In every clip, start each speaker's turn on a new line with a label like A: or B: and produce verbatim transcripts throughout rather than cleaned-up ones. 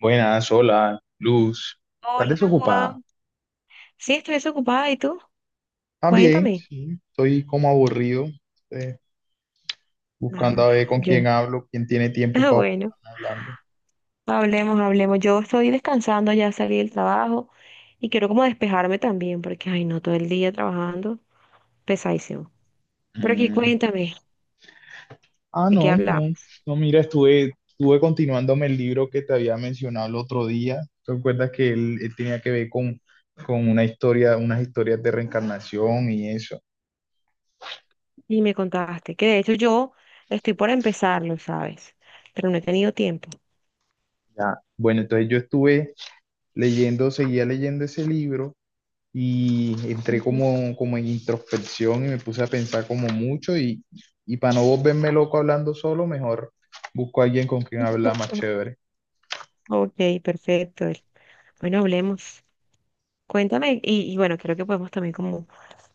A: Buenas, hola, Luz. ¿Estás
B: Hola,
A: desocupada?
B: Juan. Sí, estoy desocupada. ¿Y tú?
A: También,
B: Cuéntame.
A: sí, estoy como aburrido, eh, buscando
B: Ah,
A: a ver con quién
B: yo.
A: hablo, quién tiene tiempo
B: Ah,
A: para
B: bueno,
A: hablando.
B: hablemos, hablemos. Yo estoy descansando, ya salí del trabajo y quiero como despejarme también porque, ay, no, todo el día trabajando, pesadísimo. Pero aquí
A: Mm.
B: cuéntame,
A: Ah,
B: ¿de qué
A: no, no,
B: hablamos?
A: no, mira, estuve, estuve continuándome el libro que te había mencionado el otro día. ¿Te acuerdas que él, él tenía que ver con, con una historia, unas historias de reencarnación y eso?
B: Y me contaste que de hecho yo estoy por empezarlo, ¿sabes? Pero no he tenido tiempo.
A: Ya. Bueno, entonces yo estuve leyendo, seguía leyendo ese libro y entré
B: Ujú.
A: como, como en introspección y me puse a pensar como mucho y, y para no volverme loco hablando solo, mejor busco a alguien con quien hablar más chévere.
B: Ok, perfecto. Bueno, hablemos. Cuéntame, y, y bueno, creo que podemos también como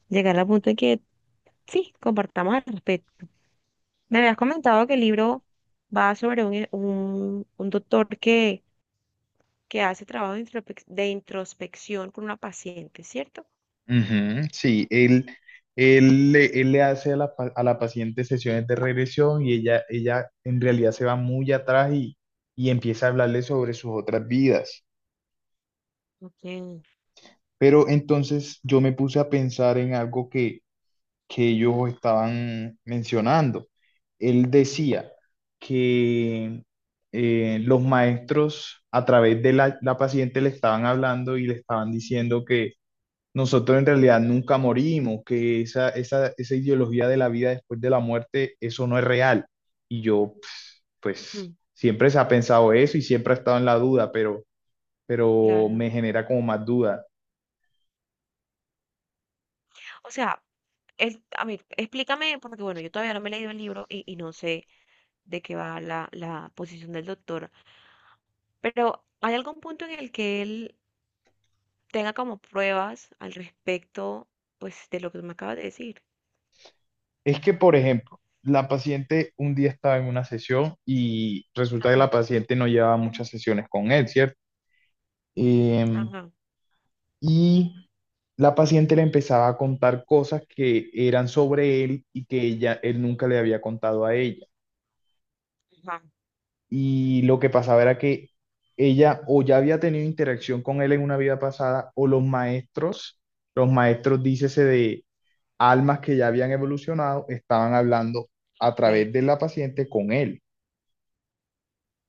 B: llegar al punto en que sí, compartamos al respecto. Me habías comentado que el libro va sobre un, un, un doctor que, que hace trabajo de, introspec- de introspección con una paciente, ¿cierto?
A: Ujú, sí. Él, él, le- él le hace a la, pa- a la paciente sesiones de regresión y ella, ella en realidad se va muy atrás y, y empieza a hablarle sobre sus otras vidas.
B: Ok,
A: Pero entonces yo me puse a pensar en algo que, que ellos estaban mencionando. Él decía que eh, los maestros a través de la, la paciente le estaban hablando y le estaban diciendo que nosotros en realidad nunca morimos, que esa, esa, esa ideología de la vida después de la muerte, eso no es real. Y yo, pues, pues,
B: ujú,
A: siempre se ha pensado eso y siempre ha estado en la duda, pero, pero
B: claro.
A: me genera como más duda.
B: O sea, es, a ver, explícame, porque bueno, yo todavía no me he leído el libro y, y no sé de qué va la, la posición del doctor. Pero ¿hay algún punto en el que él tenga como pruebas al respecto, pues, de lo que me acabas de decir?
A: Es que, por ejemplo, la paciente un día estaba en una sesión y resulta que la
B: Ajá,
A: paciente no llevaba muchas sesiones con él, ¿cierto? Em,
B: ajá,
A: y la paciente le empezaba a contar cosas que eran sobre él y que ella, él nunca le había contado a ella.
B: ajá,
A: Y lo que pasaba era que ella o ya había tenido interacción con él en una vida pasada o los maestros, los maestros, dícese de almas que ya habían evolucionado, estaban hablando a
B: sí,
A: través de la paciente con él.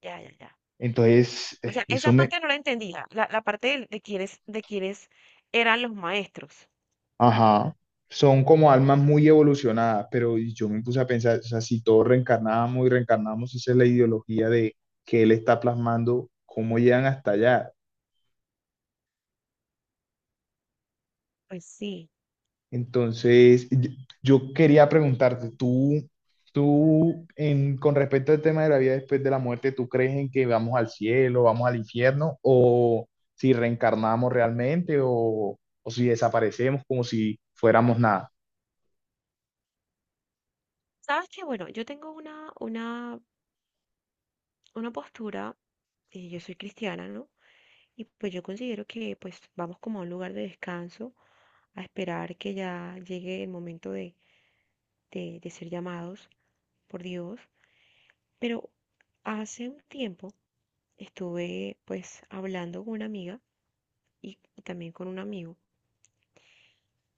B: ya, ya, ya.
A: Entonces,
B: O
A: eh,
B: sea,
A: eso
B: esa
A: me,
B: parte no la entendía, la, la parte del- de, quiénes, de quiénes eran los maestros.
A: ajá, son como almas muy evolucionadas, pero yo me puse a pensar, o sea, si todos reencarnamos y reencarnamos, esa es la ideología de que él está plasmando, cómo llegan hasta allá.
B: Pues sí.
A: Entonces, y- yo quería preguntarte, tú, tú, en, con respecto al tema de la vida después de la muerte, ¿tú crees en que vamos al cielo, vamos al infierno, o si reencarnamos realmente, o, o si desaparecemos como si fuéramos nada?
B: ¿Sabes que bueno, yo tengo una, una, una postura, y yo soy cristiana, ¿no? Y pues yo considero que pues vamos como a un lugar de descanso a esperar que ya llegue el momento de, de, de ser llamados por Dios. Pero hace un tiempo estuve pues hablando con una amiga y también con un amigo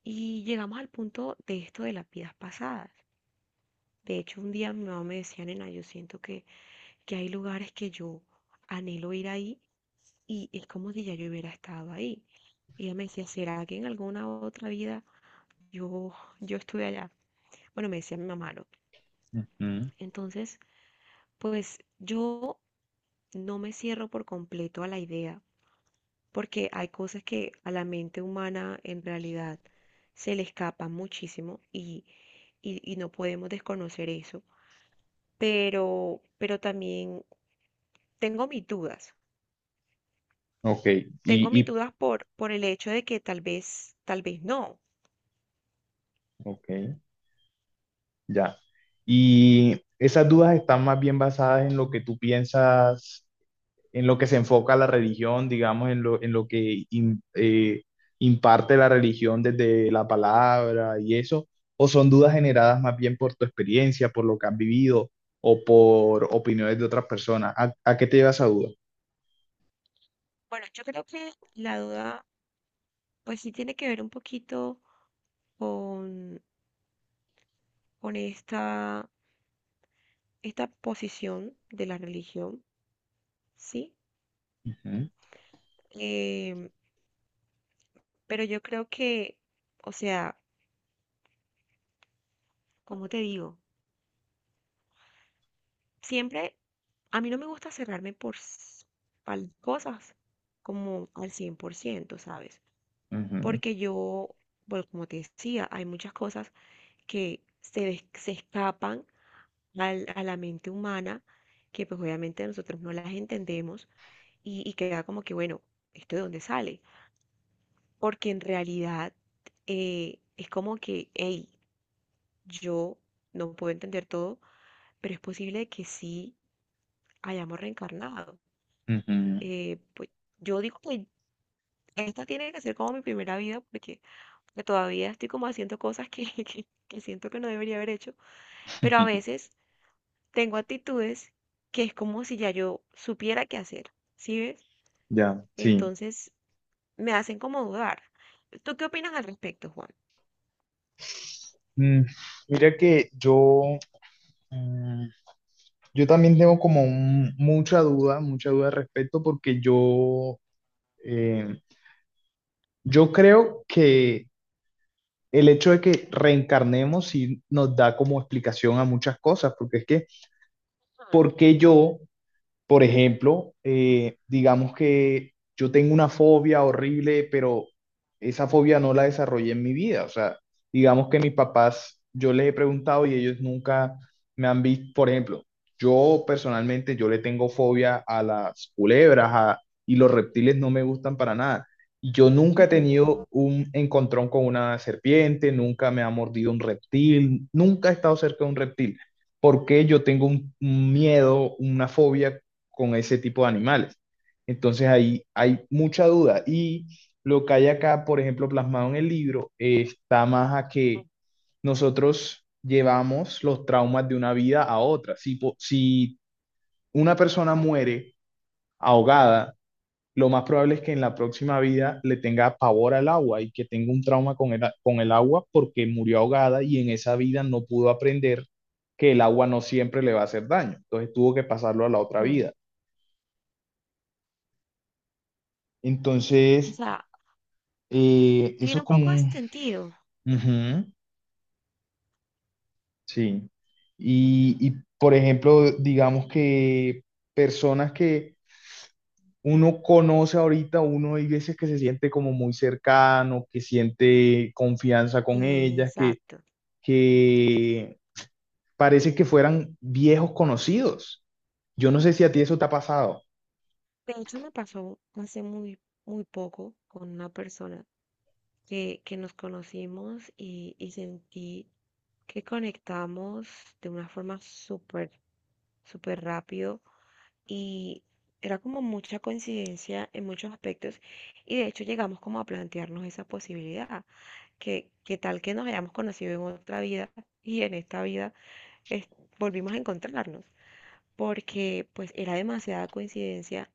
B: y llegamos al punto de esto de las vidas pasadas. De hecho, un día mi mamá me decía, nena, yo siento que, que hay lugares que yo anhelo ir ahí y es como si ya yo hubiera estado ahí. Y ella me decía, ¿será que en alguna otra vida yo, yo estuve allá? Bueno, me decía mi mamá, ¿no?
A: Ujú.
B: Entonces, pues yo no me cierro por completo a la idea, porque hay cosas que a la mente humana en realidad se le escapan muchísimo y, y, y no podemos desconocer eso. Pero, pero también tengo mis dudas.
A: Ok,
B: Tengo
A: y,
B: mis
A: y
B: dudas por, por el hecho de que tal vez, tal vez no.
A: ok, ya. Y esas dudas están más bien basadas en lo que tú piensas, en lo que se enfoca la religión, digamos, en lo, en lo que im- eh, imparte la religión desde la palabra y eso, o son dudas generadas más bien por tu experiencia, por lo que has vivido o por opiniones de otras personas. ¿A, a qué te lleva esa duda?
B: Bueno, yo creo que la duda, pues sí tiene que ver un poquito con, con esta esta posición de la religión, ¿sí?
A: Ujú,
B: Em, pero yo creo que, o sea, como te digo, siempre, a mí no me gusta cerrarme por, s- pal- cosas como al cien por ciento, ¿sabes?
A: ujú,
B: Porque yo, bueno, como te decía, hay muchas cosas que se, es- se escapan al- a la mente humana, que pues obviamente nosotros no las entendemos y, y queda como que, bueno, ¿esto de dónde sale? Porque en realidad eh, es como que, hey, yo no puedo entender todo, pero es posible que sí hayamos reencarnado.
A: ujú,
B: Eh, pues yo digo que esta tiene que ser como mi primera vida porque todavía estoy como haciendo cosas que, que, que siento que no debería haber hecho, pero a
A: ujú.
B: veces tengo actitudes que es como si ya yo supiera qué hacer, ¿sí ves?
A: Ya, sí.
B: Entonces me hacen como dudar. ¿Tú qué opinas al respecto, Juan?
A: Mm, mira que yo... Yo también tengo como un- mucha duda, mucha duda al respecto, porque yo, eh, yo creo que el hecho de que reencarnemos sí nos da como explicación a muchas cosas, porque es que, ¿por qué yo Por ejemplo, eh, digamos que yo tengo una fobia horrible, pero esa fobia no la desarrollé en mi vida. O sea, digamos que mis papás, yo les he preguntado y ellos nunca me han visto. Por ejemplo, yo personalmente, yo le tengo fobia a las culebras a- y los reptiles no me gustan para nada. Y Yo nunca he
B: Ujú,
A: tenido un encontrón con una serpiente, nunca me ha mordido un reptil, nunca he estado cerca de un reptil. ¿Por qué yo tengo un un miedo, una fobia con ese tipo de animales. Entonces ahí hay mucha duda y lo que hay acá, por ejemplo, plasmado en el libro, eh, está más a que nosotros llevamos los traumas de una vida a otra. Si, po- si una persona muere ahogada, lo más probable es que en la próxima vida le tenga pavor al agua y que tenga un trauma con el, a- con el agua porque murió ahogada y en esa vida no pudo aprender que el agua no siempre le va a hacer daño. Entonces tuvo que pasarlo a la otra
B: ujú.
A: vida.
B: O
A: Entonces,
B: sea,
A: Eh, eso
B: tiene
A: es
B: un
A: como
B: poco de
A: un...
B: sentido.
A: Ujú, sí. Y, y, por ejemplo, digamos que personas que uno conoce ahorita, uno hay veces que se siente como muy cercano, que siente confianza con
B: Mm,
A: ellas, que,
B: exacto.
A: que parece que fueran viejos conocidos. Yo no sé si a ti eso te ha pasado.
B: De hecho, me pasó hace muy, muy poco con una persona que, que nos conocimos y, y sentí que conectamos de una forma súper, súper rápido y era como mucha coincidencia en muchos aspectos y de hecho llegamos como a plantearnos esa posibilidad, que, que tal que nos hayamos conocido en otra vida y en esta vida es- volvimos a encontrarnos. Porque pues era demasiada coincidencia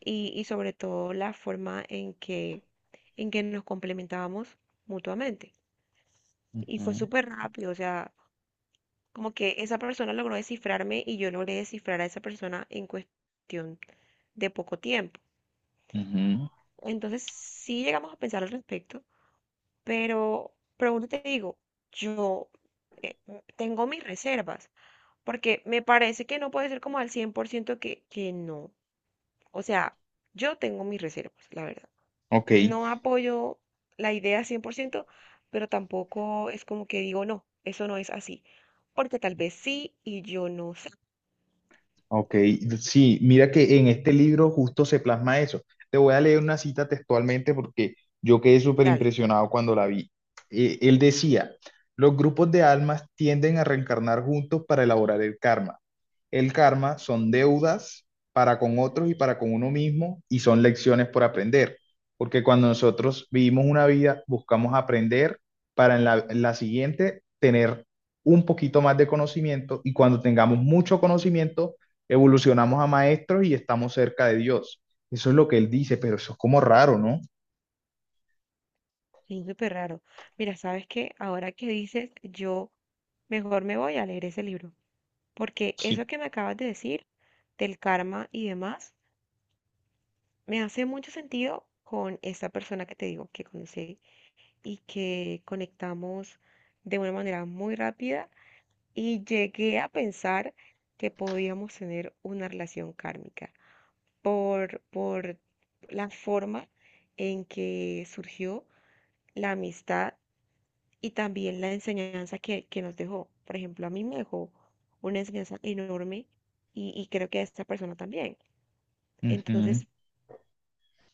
B: y, y sobre todo la forma en que, en que nos complementábamos mutuamente. Y fue
A: Ujú,
B: súper rápido, o sea, como que esa persona logró descifrarme y yo logré descifrar a esa persona en cuestión de poco tiempo.
A: ujú.
B: Entonces sí llegamos a pensar al respecto, pero, pero vuelvo te digo, yo eh, tengo mis reservas, porque me parece que no puede ser como al cien por ciento que, que no. O sea, yo tengo mis reservas, la verdad.
A: Ok.
B: No apoyo la idea cien por ciento, pero tampoco es como que digo, no, eso no es así. Porque tal vez sí y yo no sé.
A: Ok, sí, mira que en este libro justo se plasma eso. Te voy a leer una cita textualmente porque yo quedé súper
B: Dale,
A: impresionado cuando la vi. Eh, él decía, los grupos de almas tienden a reencarnar juntos para elaborar el karma. El karma son deudas para con otros y para con uno mismo y son lecciones por aprender, porque cuando nosotros vivimos una vida buscamos aprender para en la, en la siguiente tener un poquito más de conocimiento y cuando tengamos mucho conocimiento evolucionamos a maestros y estamos cerca de Dios. Eso es lo que él dice, pero eso es como raro, ¿no?
B: es súper raro. Mira, ¿sabes qué? Ahora que dices, yo mejor me voy a leer ese libro. Porque
A: Sí.
B: eso que me acabas de decir, del karma y demás, me hace mucho sentido con esta persona que te digo que conocí y que conectamos de una manera muy rápida y llegué a pensar que podíamos tener una relación kármica por, por la forma en que surgió la amistad y también la enseñanza que, que nos dejó. Por ejemplo, a mí me dejó una enseñanza enorme y, y creo que a esta persona también. Entonces,
A: Ujú.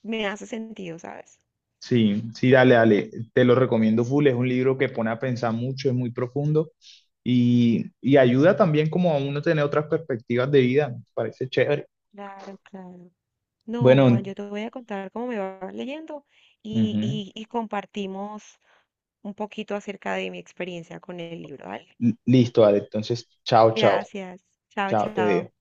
B: me hace sentido, ¿sabes?
A: Sí, sí, dale, dale. Te lo recomiendo full. Es un libro que pone a pensar mucho, es muy profundo y, y ayuda también como a uno tener otras perspectivas de vida. Me parece chévere.
B: Claro, claro. No, Juan,
A: Bueno,
B: yo te voy a contar cómo me va leyendo y,
A: ujú.
B: y, y compartimos un poquito acerca de mi experiencia con el libro, ¿vale?
A: Listo, dale. Entonces, chao, chao.
B: Gracias. Chao,
A: Chao, te
B: chao.
A: dejo.